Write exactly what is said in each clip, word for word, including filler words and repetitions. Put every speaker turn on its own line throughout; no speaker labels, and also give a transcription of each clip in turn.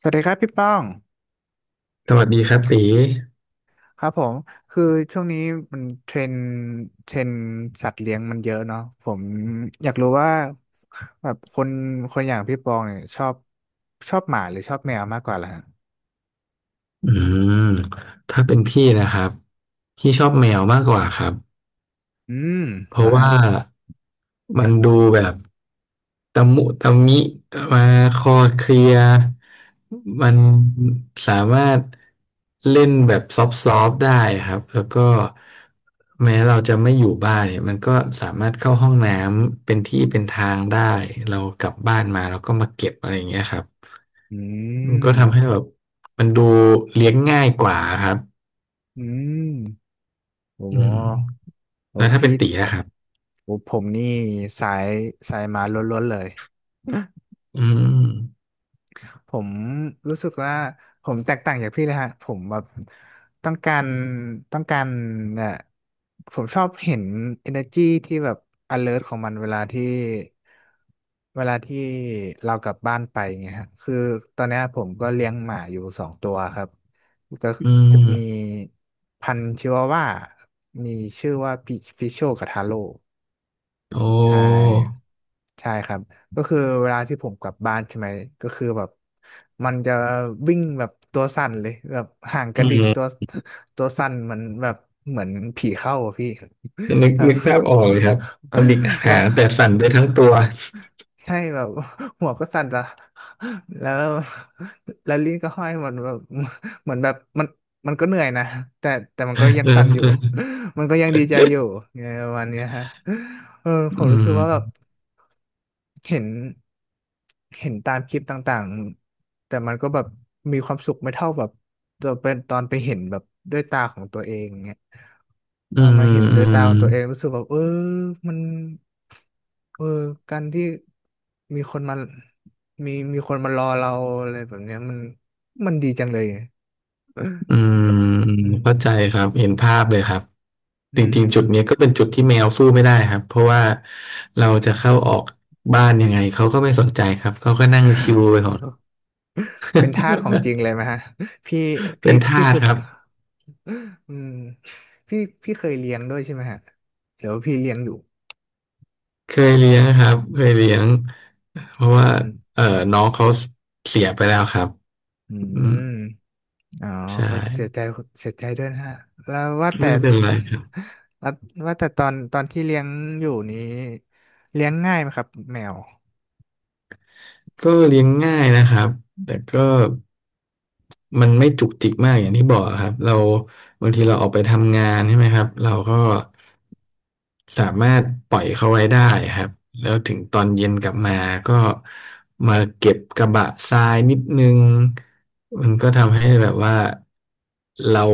สวัสดีครับพี่ป้อง
สวัสดีครับตี
ครับผมคือช่วงนี้มันเทรนด์เทรนด์สัตว์เลี้ยงมันเยอะเนาะผมอยากรู้ว่าแบบคนคนอย่างพี่ปองเนี่ยชอบชอบหมาหรือชอบแมวมากกว่าล่ะฮะ
อืมถ้าเป็นพี่นะครับพี่ชอบแมวมากกว่าครับ
อืม
เพ
เหรอ
ราะ
ฮะ
ว่ามันดูแบบตะมุตะมิมาคอเคลียร์มันสามารถเล่นแบบซอฟต์ๆได้ครับแล้วก็แม้เราจะไม่อยู่บ้านเนี่ยมันก็สามารถเข้าห้องน้ำเป็นที่เป็นทางได้เรากลับบ้านมาแล้วก็มาเก็บอะไรอย่างเงี้ยครับ
อื
มันก็ทำให้
ม
แบบมันดูเลี้ยงง่ายกว่าครับ
อืมโอ้
อื
โห
ม
โอ้
แล้วถ้าเป็
พี่
นตีนะครับ
โอ้ผมนี่สายสายหมาล้วนๆเลย
อืม
ผมรู้สึกว่าผมแตกต่างจากพี่เลยฮะผมแบบต้องการต้องการเอ่อผมชอบเห็น energy ที่แบบ alert ของมันเวลาที่เวลาที่เรากลับบ้านไปเงี้ยฮะคือตอนเนี้ยผมก็เลี้ยงหมาอยู่สองตัวครับก็
อื
จะ
ม
มีพันธุ์ชิวาว่ามีชื่อว่าพิชโชกับทาโร่
โอ้
ใช่ใช่ครับก็คือเวลาที่ผมกลับบ้านใช่ไหมก็คือแบบมันจะวิ่งแบบตัวสั่นเลยแบบห่างก
อื
ระดิกตัว
ม
ตัวสั่นเหมือนแบบเหมือนผีเข้าอะพี่แ
นึก
บบ
นึกภาพออกเลยครับปลาหมึก
แล้ว
หางแต่สั่นไปทั้งตัว
ใช่แบบหัวก็สั่นละแล้วแล้วลิ้นก็ห้อยเหมือนแบบเหมือนแบบมันมันก็เหนื่อยนะแต่แต่มันก็ยั ง
เออ
สั่นอยู่
เออ
มันก็ยังดีใจอยู่ไงประมาณเนี้ยฮะเออผ
อื
มรู้สึก
ม
ว่าแบบ เห็นเห็นตามคลิปต่างๆ แต่มันก็แบบมีความสุขไม่เท่าแบบตอนเป็นตอนไปเห็นแบบด้วยตาของตัวเองเงียต
อื
อนมาเห็
ม
น
อื
ด้วยตา
ม
ของตัวเองรู้สึกแบบเออมันเออการที่มีคนมามีมีคนมารอเราอะไรแบบเนี้ยมันมันดีจังเลย
อืม
อื
เข้าใจ
ม
ครับเห็นภาพเลยครับ
อื
จริงๆจุดนี้
ม
ก็เป็นจุดที่แมวสู้ไม่ได้ครับเพราะว่าเราจะเข้าออกบ้านยังไงเขาก็ไม่สนใจครับเขาก็นั่งชิว ไปของ
เป็นทาสของจริงเลยไหมฮะ พี่
เป็
พี่
น
พี่
ทาส
คือ
ครับ
อืมพี่พี่เคยเรียนด้วยใช่ไหมฮะเดี๋ยวาพี่เรียนอยู่
เคยเลี้ยงครับเคยเลี้ยงเพราะว่า
อืม
เอ่อน้องเขาเสียไปแล้วครับ
อื
อืม
มอ๋อ
ใช่
เขาเสียใจเสียใจด้วยนะฮะแล้วว่าแต่
ไม่เป็นไรครับ
แล้วว่าแต่ตอนตอนที่เลี้ยงอยู่นี้เลี้ยงง่ายไหมครับแมว
ก็เลี้ยงง่ายนะครับแต่ก็ มันไม่จุกจิกมากอย่างที่บอกครับเราบางทีเราออกไปทำงานใช่ไหมครับเราก็สามารถปล่อยเขาไว้ได้ครับแล้วถึงตอนเย็นกลับมาก็มาเก็บกระบะทรายนิดนึงมันก็ทำให้แบบว่าเรา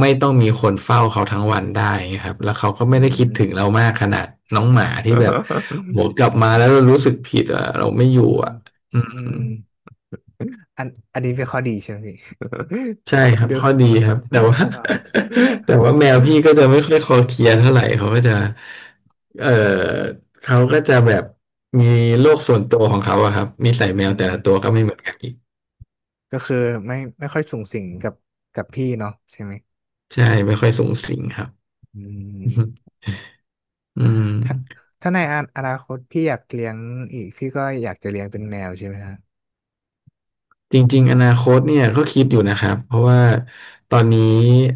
ไม่ต้องมีคนเฝ้าเขาทั้งวันได้ครับแล้วเขาก็
อื
ไม่ได้คิดถึง
ม
เรามากขนาดน้องหมาที่แบบโหกลับมาแล้วเรารู้สึกผิดอ่ะเราไม่อยู่
อืม
อ่ะอื
อื
ม
มอันอันนี้เป็นข้อดีใช่ไหมพี่
ใช่ค รับ
ดู
ข้อดีครับแต่ว่า
อ่า
แต่ว่าแมวพี่ก็จะไม่ค่อยคอเคลียร์เท่าไหร่เขาก็จะเออเขาก็จะแบบมีโลกส่วนตัวของเขาอะครับนิสัยแม
อื
วแต่ละตัว
ม
ก็ไม่เหมือนกันอีก
ก็คือไม่ไม่ค่อยสุงสิงกับกับพี่เนาะใช่ไหม
ใช่ไม่ค่อยสูงสิงครับ
อื ม
อืม
ถ้าถ้าในอนาอนาคตพี่อยากเลี้ยงอีกพี่ก็อยากจะเลี้ยงเป็นแมวใช่ไหมฮะ
จริงๆอนาคตเนี่ยก็คิดอยู่นะครับเพราะว่าตอนนี้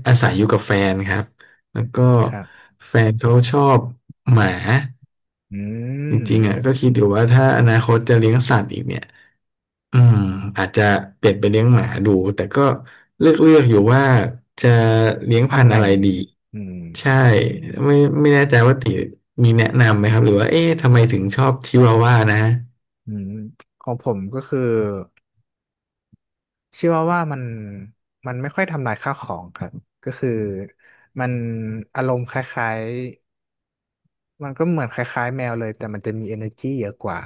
อาศัยอยู่กับแฟนครับแล้วก็
ครับ
แฟนเขาชอบหมา
อื
จริงๆอ่ะ
ม
ก็คิดอยู่ว่าถ้าอนาคตจะเลี้ยงสัตว์อีกเนี่ย อืมอาจจะเปลี่ยนไปเลี้ยงหมาดูแต่ก็เลือกเลือกอยู่ว่าจะเลี้ยง
พั
พั
น
น
ธุ์
ธุ์
ไหน
อะไรดี
อืม
ใช่ไม่ไม่แน่ใจว่าติมีแนะนำไหมครับหรือว่าเอ๊ะทำไมถึงชอบชิวาว่านะ
อืมของผมก็คือชื่อว่าว่ามันมันไม่ค่อยทำลายข้าวของครับก็คือมันอารมณ์คล้ายๆมันก็เหมือนคล้ายๆแมวเลยแต่มันจะมี energy เยอะกว่า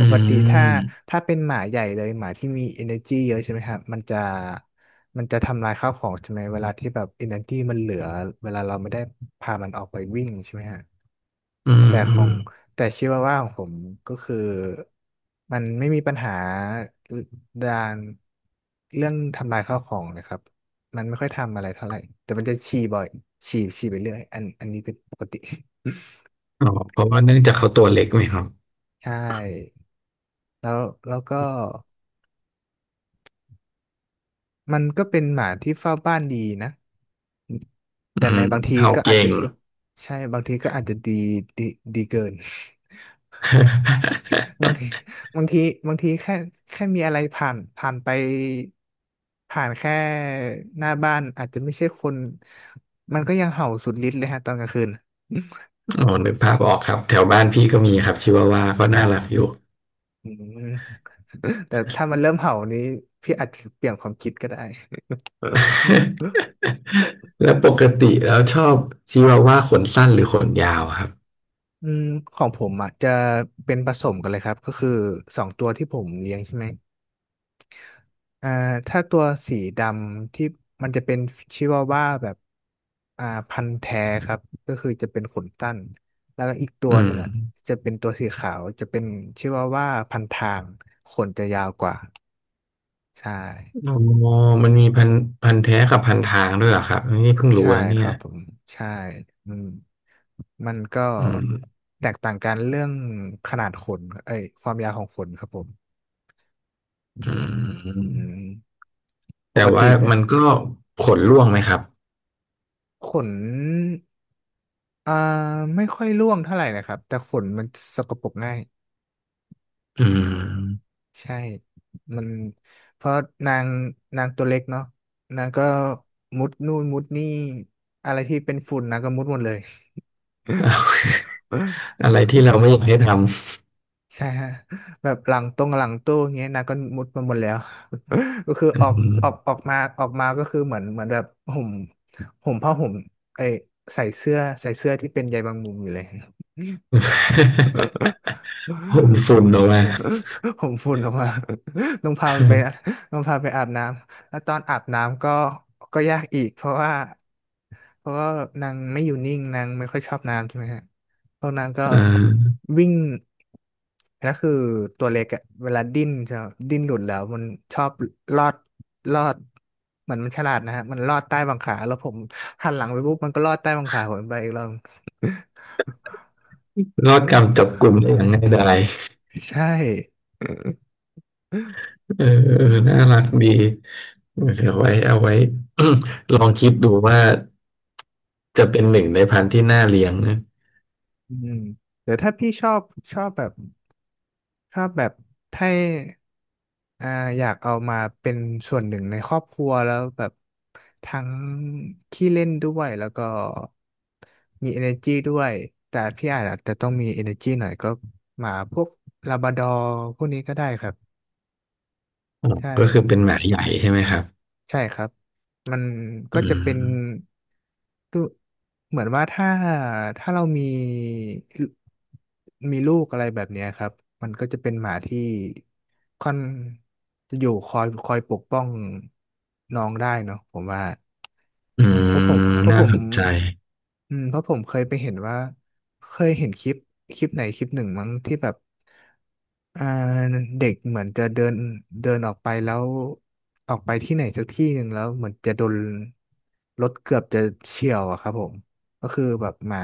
ปกติถ้า
ม
ถ้าเป็นหมาใหญ่เลยหมาที่มี energy เยอะใช่ไหมครับมันจะมันจะทำลายข้าวของใช่ไหมเวลาที่แบบ energy มันเหลือเวลาเราไม่ได้พามันออกไปวิ่งใช่ไหมฮะ
อื
แต่
ม
ข
อื
อ
ม
งแต่ชิวาว่าของผมก็คือมันไม่มีปัญหาด้านเรื่องทำลายข้าวของเลยครับมันไม่ค่อยทำอะไรเท่าไหร่แต่มันจะฉี่บ่อยฉี่ฉี่ไปเรื่อยอันอันนี้เป็นปกติ
อ๋อเพราะว่าเนื่องจากเขาตัวเล็กไหมครับ
ใช่แล้วแล้วก็มันก็เป็นหมาที่เฝ้าบ้านดีนะ
อื
แต่
ม
ในบางที
เห่า
ก็อา
เก่
จจะ
ง
ใช่บางทีก็อาจจะดีดีดีเกิน บางทีบางทีบางทีแค่แค่มีอะไรผ่านผ่านไปผ่านแค่หน้าบ้านอาจจะไม่ใช่คนมันก็ยังเห่าสุดฤทธิ์เลยฮะตอนกลางคืน
อ๋อนึกภาพออกครับแถวบ้านพี่ก็มีครับชิวาว่าก็น่ารักอยู่
อืม แต่ถ้ามันเริ่มเห่านี้พี่อาจจะเปลี่ยนความคิดก็ได้
แล้วปกติแล้วชอบชิวาว่าขนสั้นหรือขนยาวครับ
อืมของผมอ่ะจะเป็นผสมกันเลยครับก็คือสองตัวที่ผมเลี้ยงใช่ไหม อ่าถ้าตัวสีดำที่มันจะเป็นชิวาว่าแบบอ่าพันธุ์แท้ครับก็คือจะเป็นขนสั้นแล้วก็อีกตัว
อื
หนึ่
ม
งอะจะเป็นตัวสีขาวจะเป็นชิวาว่าพันทางขนจะยาวกว่าใช่
อ๋อมันมีพันธุ์พันธุ์แท้กับพันธุ์ทางด้วยเหรอครับอันนี่เพิ่งรู้
ใช่
นะเนี่
ค
ย
รับผมใช่อืมมันก็
อืม
แตกต่างกันเรื่องขนาดขนเอ้ยความยาวของขนครับผม
อื
อืม
ม
ป
แต่
กติ
ว่า
เนี่ย
มันก็ผลร่วงไหมครับ
ขน อ่าไม่ค่อยร่วงเท่าไหร่นะครับแต่ขนมันสกปรกง่าย
อืม
ใช่มันเพราะนางนางตัวเล็กเนาะนางก็มุดนู่นมุดนี่อะไรที่เป็นฝุ่นนางก็มุดหมดเลย
อะไรที่เราไม่ อยากให้ท
ใช่ฮะแบบหลังตรงหลังตู้อย่างเงี้ยนางก็มุดมาหมดแล้ว ก็คือ
ำ
ออก
อืม
ออกออกมาออกมาก็คือเหมือนเหมือนแบบห่มห่มผ้าห่มไอยใส่เสื้อใส่เสื้อที่เป็นใยบางมุมอยู่เลย
โม ฝุ่นออกมา
ผมฝุ่นออกมา ต้องพามันไปต้องพาไปอาบน้ำแล้วตอนอาบน้ำก็ก็ยากอีกเพราะว่าเพราะว่านางไม่อยู่นิ่งนางไม่ค่อยชอบน้ำใช่ไหมฮะพวกนางก็
เออ
วิ่งแล้วคือตัวเล็กอะเวลาดิ้นจะดิ้นหลุดแล้วมันชอบลอดลอดเหมือนมันฉลาดนะฮะมันลอดใต้บังขาแล้วผมหันหลังไปปุ๊บมันก็ลอดใต้บังขาผมไปอีกรอบ
รอดกรรมจับกลุ่มได้อย่างง่ายดาย
ใช่
เออเออน่ารักดีเดี๋ยวไว้เอาไว้ ลองคิดดูว่าจะเป็นหนึ่งในพันธุ์ที่น่าเลี้ยงนะ
อืมเดี๋ยวถ้าพี่ชอบชอบแบบชอบแบบให้อ่าอยากเอามาเป็นส่วนหนึ่งในครอบครัวแล้วแบบทั้งขี้เล่นด้วยแล้วก็มี energy ด้วยแต่พี่อาจจะต้องมี energy หน่อยก็หมาพวกลาบราดอร์พวกนี้ก็ได้ครับ
อ๋อ
ใช่
ก็คือเป็นหมาใหญ่ใช่ไหมครับ
ใช่ครับ มันก็
อื
จะเป็น
ม
ดูเหมือนว่าถ้าถ้าเรามีมีลูกอะไรแบบเนี้ยครับ มันก็จะเป็นหมาที่ค่อนจะอยู่คอยคอยปกป้องน้องได้เนาะผมว่า
อื
เพราะผม
ม
เพราะผ
น่า
ม
สนใจ
อืมเพราะผมเคยไปเห็นว่าเคยเห็นคลิปคลิปไหนคลิปหนึ่งมั้งที่แบบอ่าเด็กเหมือนจะเดินเดินออกไปแล้วออกไปที่ไหนสักที่หนึ่งแล้วเหมือนจะโดนรถเกือบจะเฉี่ยวอะครับผมก็คือแบบหมา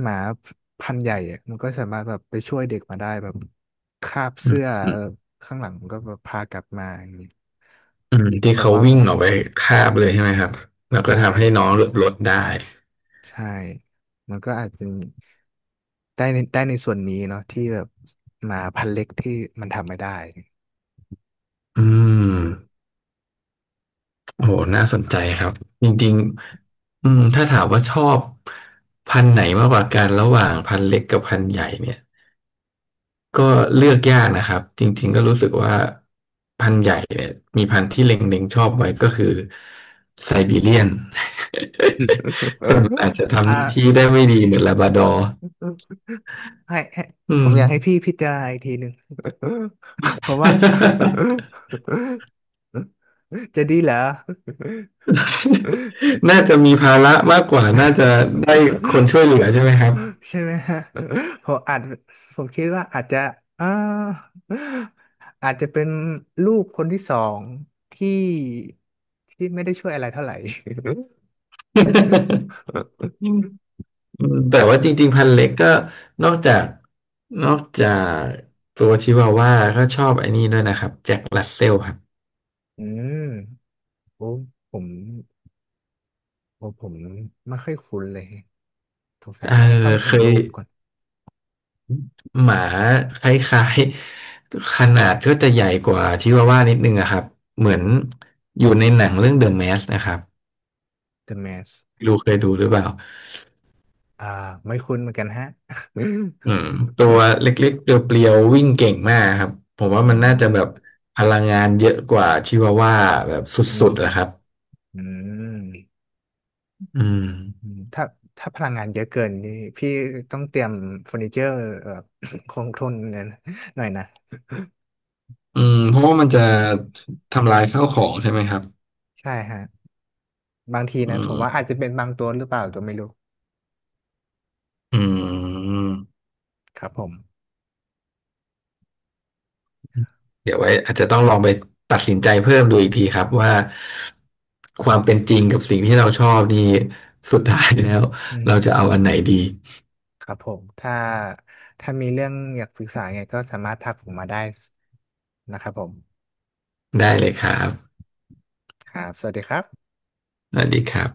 หมาพันธุ์ใหญ่อะมันก็สามารถแบบไปช่วยเด็กมาได้แบบคาบ
อื
เสื้
ม
อ
อื
เอ
ม
อข้างหลังมันก็แบบพากลับมาอย่างนี้
อืมที่
ผม
เขา
ว่า
วิ่
มั
ง
น
ออกไปคาบเลยใช่ไหมครับแล้วก็
ใช่
ทำให้น้องหลุดรถได้
ใช่ มันก็อาจจะได้ในได้ในส่วนนี้เนาะที่แบบหมาพันธุ์เล็กที่มันทำไม่ได้
อืมโอ้โหน่าสนใจครับจริงๆอืมถ้าถามว่าชอบพันธุ์ไหนมากกว่ากันระหว่างพันธุ์เล็กกับพันธุ์ใหญ่เนี่ยก็เลือกยากนะครับจริงๆก็รู้สึกว่าพันธุ์ใหญ่เนี่ยมีพันธุ์ที่เล็งๆชอบไว้ก็คือไซบีเรียน แต่มันอาจจะ
อ
ทำหน้าที่
่า
ได้ไม่ดีเหมือนลาบราดอร์
ให้ให้
อื
ผม
ม
อยากให้พี่พิจารณาอีกทีหนึ่ง ผมว่า จะดีเหรอ
น่าจะมีภาระมากกว่า น่าจะได้คนช่วยเห ลือใช่ไหมครับ
ใช่ไหมฮะ ผมอาจผมคิดว่าอาจจะอ่าอาจจะเป็นลูกคนที่สองที่ที่ไม่ได้ช่วยอะไรเท่าไหร่
อืมแต่ว่าจริงๆพัน ธุ์เล็กก็นอกจากนอกจากตัวชิวาว่าก็ชอบไอ้นี่ด้วยนะครับแจ็ครัสเซลครับ
อืมโอ้ผมโอ้ผมไม่ค่อยคุ้นเลยสงสัย
เออ
น่าจะต้องเห็
เค
น
ย
รูปก่อน
หมาคล้ายๆขนาดก็จะใหญ่กว่าชิวาว่านิดนึงอะครับเหมือนอยู่ในหนังเรื่องเดอ เอ็ม แมสนะครับ
The Mask
ไม่รู้เคยดูหรือเปล่า
อ่าไม่คุ้นเหมือนกันฮะ
อืมตัว เล็กๆเปรียวๆวิ่งเก่งมากครับผมว่า
อื
มันน่าจะแบบ
ม
พลังงานเยอะกว่าชิวาว่าแบบส
อื
ุดๆแหละครับ
มอืม
อืม
อืมถ้าถ้าพลังงานเยอะเกินนี่พี่ต้องเตรียมเฟอร์นิเจอร์เอ่อ คงทนเนี่ยนะหน่อยนะ
อืมเพราะว่ามันจะทำลายข้าวของใช่ไหมครับ
ใช่ฮะบางที
อื
นะผม
ม
ว่าอาจจะเป็นบางตัวหรือเปล่าตัวไม่รู้
อืม
ครับผม
เดี๋ยวไว้อาจจะต้องลองไปตัดสินใจเพิ่มดูอีกทีครับว่าความเป็นจริงกับสิ่งที่เราชอบนี่สุดท้ายแล้ว
อืม
เราจะเอาอันไหนดี
ครับผมถ้าถ้ามีเรื่องอยากปรึกษาไงก็สามารถทักผมมาได้นะครับผม
ได้เลยครับ
ครับสวัสดีครับ
สวัสดีครับ